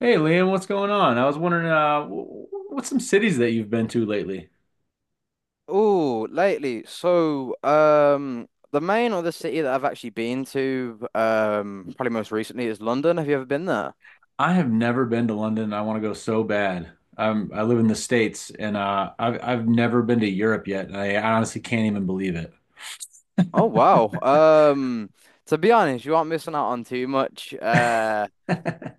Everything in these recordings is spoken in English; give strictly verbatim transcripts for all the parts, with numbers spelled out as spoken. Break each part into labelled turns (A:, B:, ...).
A: Hey Liam, what's going on? I was wondering, uh, wh- wh- what's some cities that you've been to lately?
B: Oh, lately. So, um, the main other city that I've actually been to, um, probably most recently is London. Have you ever been there?
A: I have never been to London, and I want to go so bad. I'm, I live in the States, and uh, I've I've never been to Europe yet, and I honestly can't even believe it.
B: Oh, wow. Um, to be honest, you aren't missing out on too much. Uh,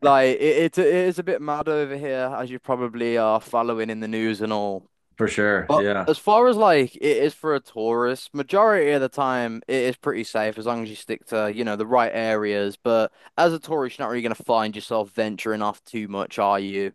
B: like it, it, it is a bit mad over here, as you probably are following in the news and all.
A: For sure.
B: But
A: Yeah.
B: as far as like it is for a tourist, majority of the time it is pretty safe as long as you stick to, you know, the right areas. But as a tourist, you're not really going to find yourself venturing off too much, are you?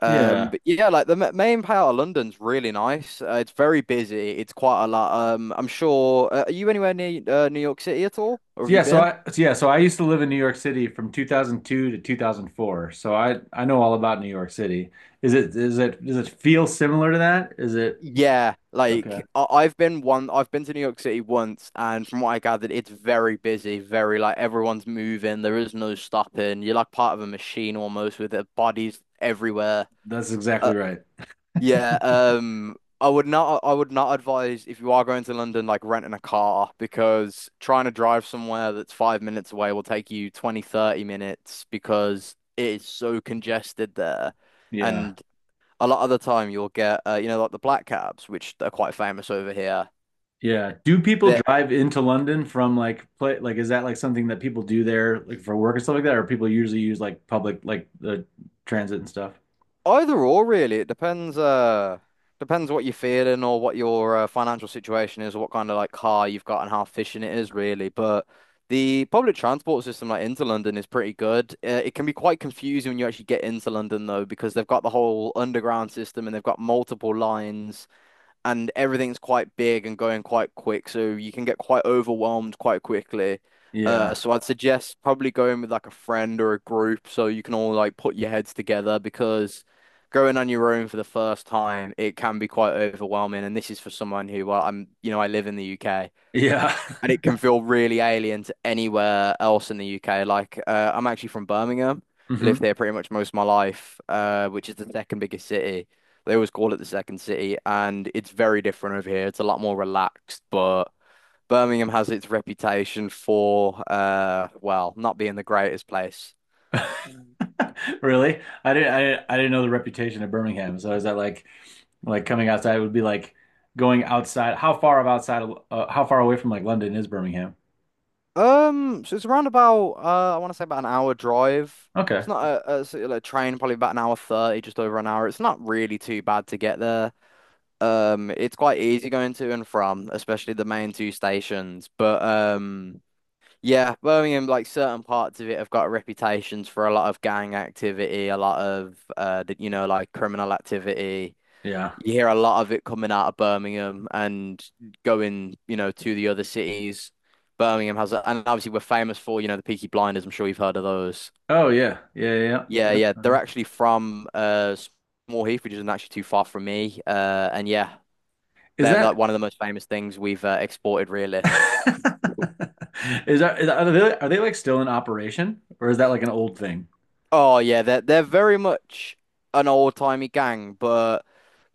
B: Um,
A: Yeah.
B: but yeah, like the ma- main part of London's really nice. Uh, it's very busy. It's quite a lot. Um, I'm sure. Uh, are you anywhere near uh, New York City at all, or have you
A: Yeah. So
B: been?
A: I so yeah. So I used to live in New York City from two thousand two to two thousand four. So I I know all about New York City. Is it is it Does it feel similar to that? Is it
B: Yeah,
A: Okay?
B: like I- I've been one, I've been to New York City once, and from what I gathered, it's very busy, very like everyone's moving. There is no stopping. You're like part of a machine almost with uh, bodies everywhere.
A: That's
B: Uh,
A: exactly right.
B: yeah, um, I would not, I would not advise if you are going to London, like renting a car because trying to drive somewhere that's five minutes away will take you twenty thirty minutes because it is so congested there.
A: Yeah.
B: And a lot of the time you'll get uh, you know like the black cabs which are quite famous over here
A: Yeah. Do people
B: that
A: drive into London from like play like is that like something that people do there like for work and stuff like that, or people usually use like public like the transit and stuff?
B: either or really it depends uh depends what you're feeling or what your uh, financial situation is or what kind of like car you've got and how efficient it is really, but the public transport system like into London is pretty good. Uh, it can be quite confusing when you actually get into London though, because they've got the whole underground system and they've got multiple lines, and everything's quite big and going quite quick, so you can get quite overwhelmed quite quickly. Uh,
A: Yeah.
B: so I'd suggest probably going with like a friend or a group so you can all like put your heads together, because going on your own for the first time, it can be quite overwhelming. And this is for someone who, well, I'm, you know, I live in the U K
A: Yeah.
B: and it can feel really alien to anywhere else in the U K. Like, uh, I'm actually from Birmingham, lived
A: hmm
B: here pretty much most of my life, uh, which is the second biggest city. They always call it the second city, and it's very different over here. It's a lot more relaxed, but Birmingham has its reputation for, uh, well, not being the greatest place.
A: Really? I didn't I, I didn't know the reputation of Birmingham. So is that like like coming outside would be like going outside? How far of outside of- uh, How far away from like London is Birmingham?
B: Um, so it's around about, uh, I want to say about an hour drive. It's
A: Okay.
B: not a, a, sort of like train, probably about an hour thirty, just over an hour. It's not really too bad to get there. Um, it's quite easy going to and from, especially the main two stations. But um, yeah, Birmingham, like certain parts of it have got reputations for a lot of gang activity, a lot of uh, the, you know, like criminal activity.
A: Yeah.
B: You hear a lot of it coming out of Birmingham and going, you know, to the other cities. Birmingham has, a, and obviously we're famous for, you know, the Peaky Blinders. I'm sure you've heard of those.
A: Oh yeah. Yeah, yeah,
B: Yeah,
A: yeah.
B: yeah, they're
A: Uh-huh.
B: actually from uh Small Heath, which isn't actually too far from me. Uh, and yeah,
A: Is
B: they're like
A: that?
B: one of the most famous things we've uh, exported, really.
A: Is that, is that Are they are they like still in operation, or is that like an old thing?
B: Oh yeah, they're they're very much an old-timey gang, but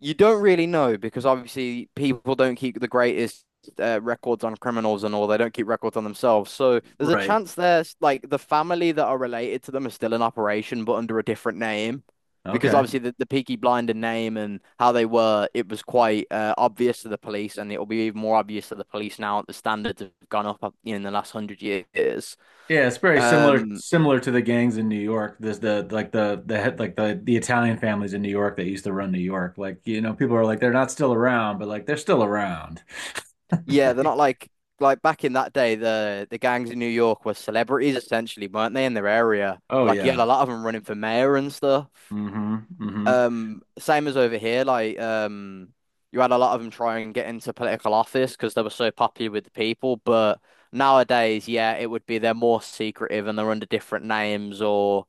B: you don't really know because obviously people don't keep the greatest uh, records on criminals and all. They don't keep records on themselves, so there's a
A: Right.
B: chance there's like the family that are related to them are still in operation, but under a different name. Because
A: Okay.
B: obviously the, the Peaky Blinder name and how they were, it was quite uh, obvious to the police, and it will be even more obvious to the police now that the standards have gone up uh, in the last hundred years.
A: Yeah, it's very similar
B: Um,
A: similar to the gangs in New York. There's the like the the head like the the Italian families in New York that used to run New York. Like, you know, people are like they're not still around, but like they're still around.
B: yeah, they're not like like back in that day, the the gangs in New York were celebrities essentially, weren't they, in their area?
A: Oh
B: Like you had
A: yeah.
B: a lot of them running for mayor and stuff.
A: Mm-hmm. Mm-hmm.
B: Um, same as over here, like um, you had a lot of them try and get into political office because they were so popular with the people. But nowadays, yeah, it would be they're more secretive and they're under different names, or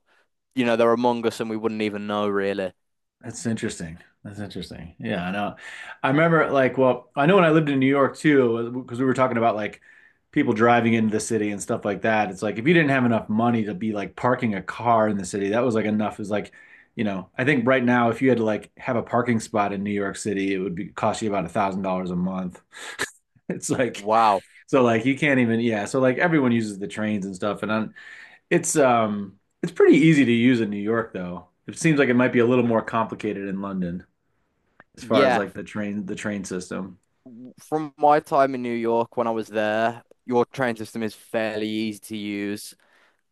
B: you know, they're among us and we wouldn't even know really.
A: That's interesting. That's interesting. Yeah, I know. I remember like, well, I know when I lived in New York too, because we were talking about like people driving into the city and stuff like that. It's like if you didn't have enough money to be like parking a car in the city, that was like enough. Is like, you know, I think right now if you had to like have a parking spot in New York City, it would be cost you about a thousand dollars a month. It's like,
B: Wow.
A: so like you can't even, yeah. So like everyone uses the trains and stuff, and I it's um it's pretty easy to use in New York though. It seems like it might be a little more complicated in London as far as
B: Yeah.
A: like the train the train system.
B: From my time in New York when I was there, your train system is fairly easy to use.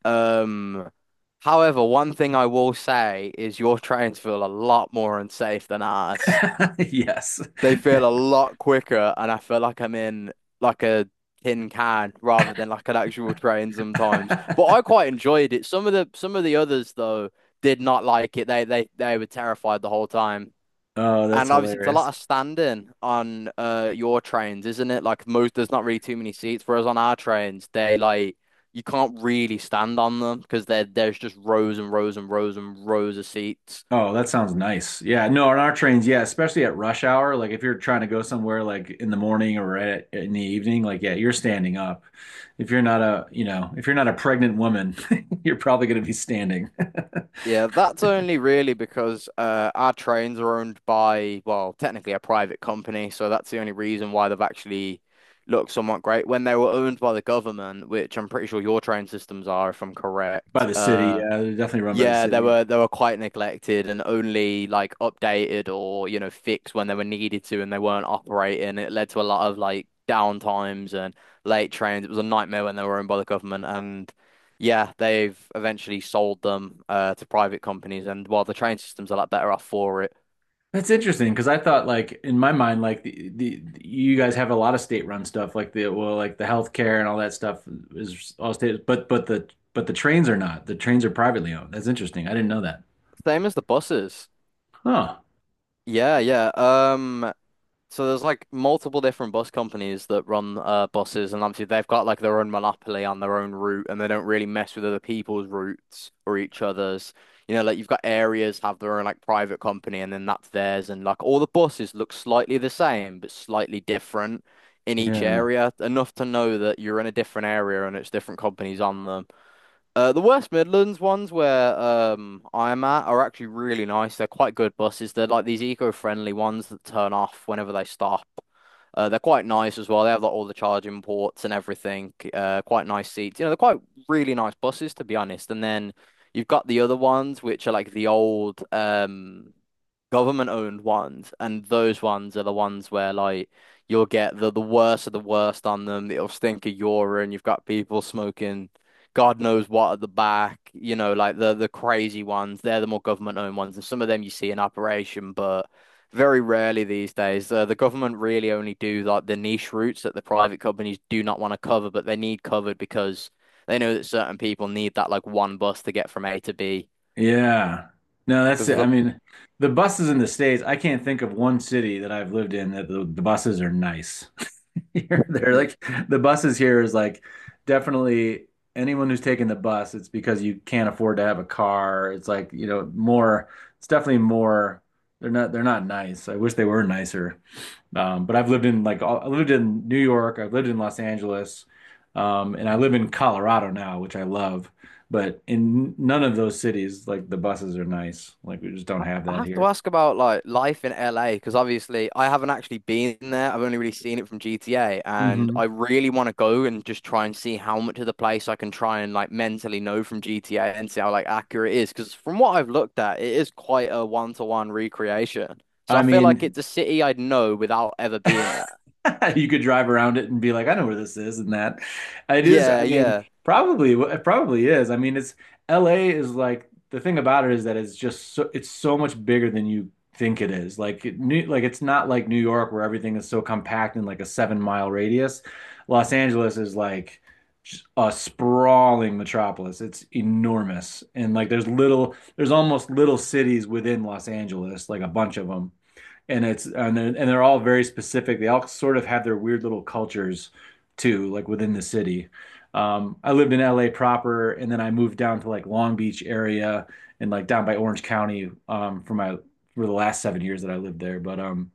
B: Um, however, one thing I will say is your trains feel a lot more unsafe than ours.
A: Yes.
B: They feel
A: Yeah.
B: a lot quicker, and I feel like I'm in like a tin can rather than like an actual train sometimes. But I quite enjoyed it. Some of the some of the others though did not like it. They they they were terrified the whole time.
A: Oh, that's
B: And obviously, it's a lot
A: hilarious.
B: of standing on uh your trains, isn't it? Like most, there's not really too many seats. Whereas on our trains, they like you can't really stand on them because there there's just rows and rows and rows and rows of seats.
A: Oh, that sounds nice. Yeah, no, on our trains, yeah, especially at rush hour, like if you're trying to go somewhere like in the morning or at, in the evening, like yeah, you're standing up. If you're not a, you know, if you're not a pregnant woman, you're probably going to be standing
B: Yeah, that's only really because uh our trains are owned by, well, technically a private company, so that's the only reason why they've actually looked somewhat great. When they were owned by the government, which I'm pretty sure your train systems are, if I'm
A: by
B: correct,
A: the city.
B: uh.
A: Yeah, they're definitely run by the
B: Yeah, they
A: city.
B: were they were quite neglected and only like updated or you know fixed when they were needed to and they weren't operating. It led to a lot of like downtimes and late trains. It was a nightmare when they were owned by the government, and yeah, they've eventually sold them uh, to private companies and while the train system's are a lot better off for it.
A: That's interesting because I thought like in my mind like the, the you guys have a lot of state-run stuff like the well like the healthcare and all that stuff is all state, but but the but the trains are not. The trains are privately owned. That's interesting. I didn't know that.
B: Same as the buses.
A: Huh.
B: Yeah, yeah. Um So there's like multiple different bus companies that run uh, buses, and obviously they've got like their own monopoly on their own route, and they don't really mess with other people's routes or each other's. You know, like you've got areas have their own like private company, and then that's theirs, and like all the buses look slightly the same but slightly different in each
A: Yeah.
B: area, enough to know that you're in a different area and it's different companies on them. Uh, the West Midlands ones where um I'm at are actually really nice. They're quite good buses. They're like these eco-friendly ones that turn off whenever they stop. Uh, they're quite nice as well. They have like all the charging ports and everything. Uh, quite nice seats. You know, they're quite really nice buses to be honest. And then you've got the other ones which are like the old um government owned ones, and those ones are the ones where like you'll get the the worst of the worst on them. It'll stink of urine. You've got people smoking God knows what at the back. You know, like the the crazy ones. They're the more government owned ones, and some of them you see in operation, but very rarely these days. Uh, the government really only do like the niche routes that the private companies do not want to cover, but they need covered because. They know that certain people need that like one bus to get from A to B
A: Yeah. No, that's
B: because
A: it. I
B: there's
A: mean, the buses in the States, I can't think of one city that I've lived in that the, the buses are nice. Here, they're
B: a
A: like the buses here is like definitely anyone who's taking the bus, it's because you can't afford to have a car. It's like, you know, more, it's definitely more, they're not, they're not nice. I wish they were nicer. Um, but I've lived in like all- I lived in New York, I've lived in Los Angeles, um, and I live in Colorado now, which I love. But in none of those cities, like the buses are nice. Like we just don't
B: I
A: have
B: I
A: that
B: have to
A: here.
B: ask about like life in L A because obviously I haven't actually been there. I've only really seen it from G T A, and
A: Hmm.
B: I really want to go and just try and see how much of the place I can try and like mentally know from G T A and see how like accurate it is. Because from what I've looked at, it is quite a one-to-one recreation. So I
A: I
B: feel like
A: mean,
B: it's a city I'd know without ever being there.
A: you could drive around it and be like, I know where this is and that. It is,
B: Yeah,
A: I mean,
B: yeah.
A: probably it probably is. I mean, it's L A is like the thing about it is that it's just so it's so much bigger than you think it is. Like it, New, like it's not like New York where everything is so compact in like a seven mile radius. Los Angeles is like just a sprawling metropolis. It's enormous. And like there's little there's almost little cities within Los Angeles, like a bunch of them, and it's and they're, and they're all very specific. They all sort of have their weird little cultures too, like within the city. Um, I lived in L A proper, and then I moved down to like Long Beach area and like down by Orange County um, for my for the last seven years that I lived there. But um,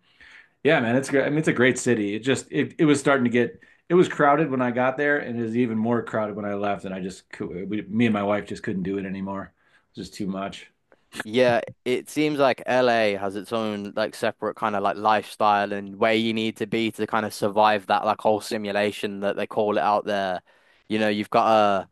A: yeah, man, it's great. I mean, it's a great city. It just it it was starting to get it was crowded when I got there, and it was even more crowded when I left. And I just cou- we, me and my wife just couldn't do it anymore. It was just too much.
B: Yeah, it seems like L A has its own like separate kind of like lifestyle and where you need to be to kind of survive that like whole simulation that they call it out there. You know, you've got a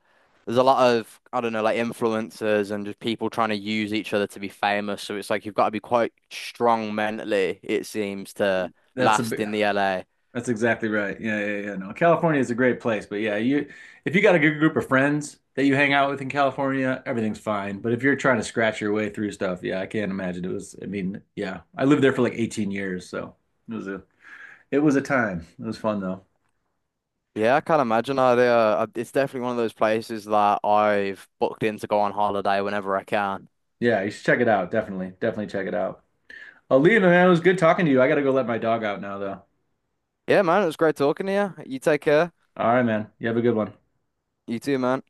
B: there's a lot of I don't know like influencers and just people trying to use each other to be famous. So it's like you've got to be quite strong mentally, it seems, to
A: That's a
B: last
A: big-
B: in the L A.
A: That's exactly right. Yeah, yeah, yeah. No, California is a great place, but yeah, you if you got a good group of friends that you hang out with in California, everything's fine. But if you're trying to scratch your way through stuff, yeah, I can't imagine it was. I mean, yeah, I lived there for like eighteen years, so it was a it was a time. It was fun though.
B: Yeah, I can't imagine. I, uh, it's definitely one of those places that I've booked in to go on holiday whenever I can.
A: Yeah, you should check it out. Definitely, definitely check it out. Alina, man, it was good talking to you. I gotta go let my dog out now, though.
B: Yeah, man, it was great talking to you. You take care.
A: All right, man. You have a good one.
B: You too, man.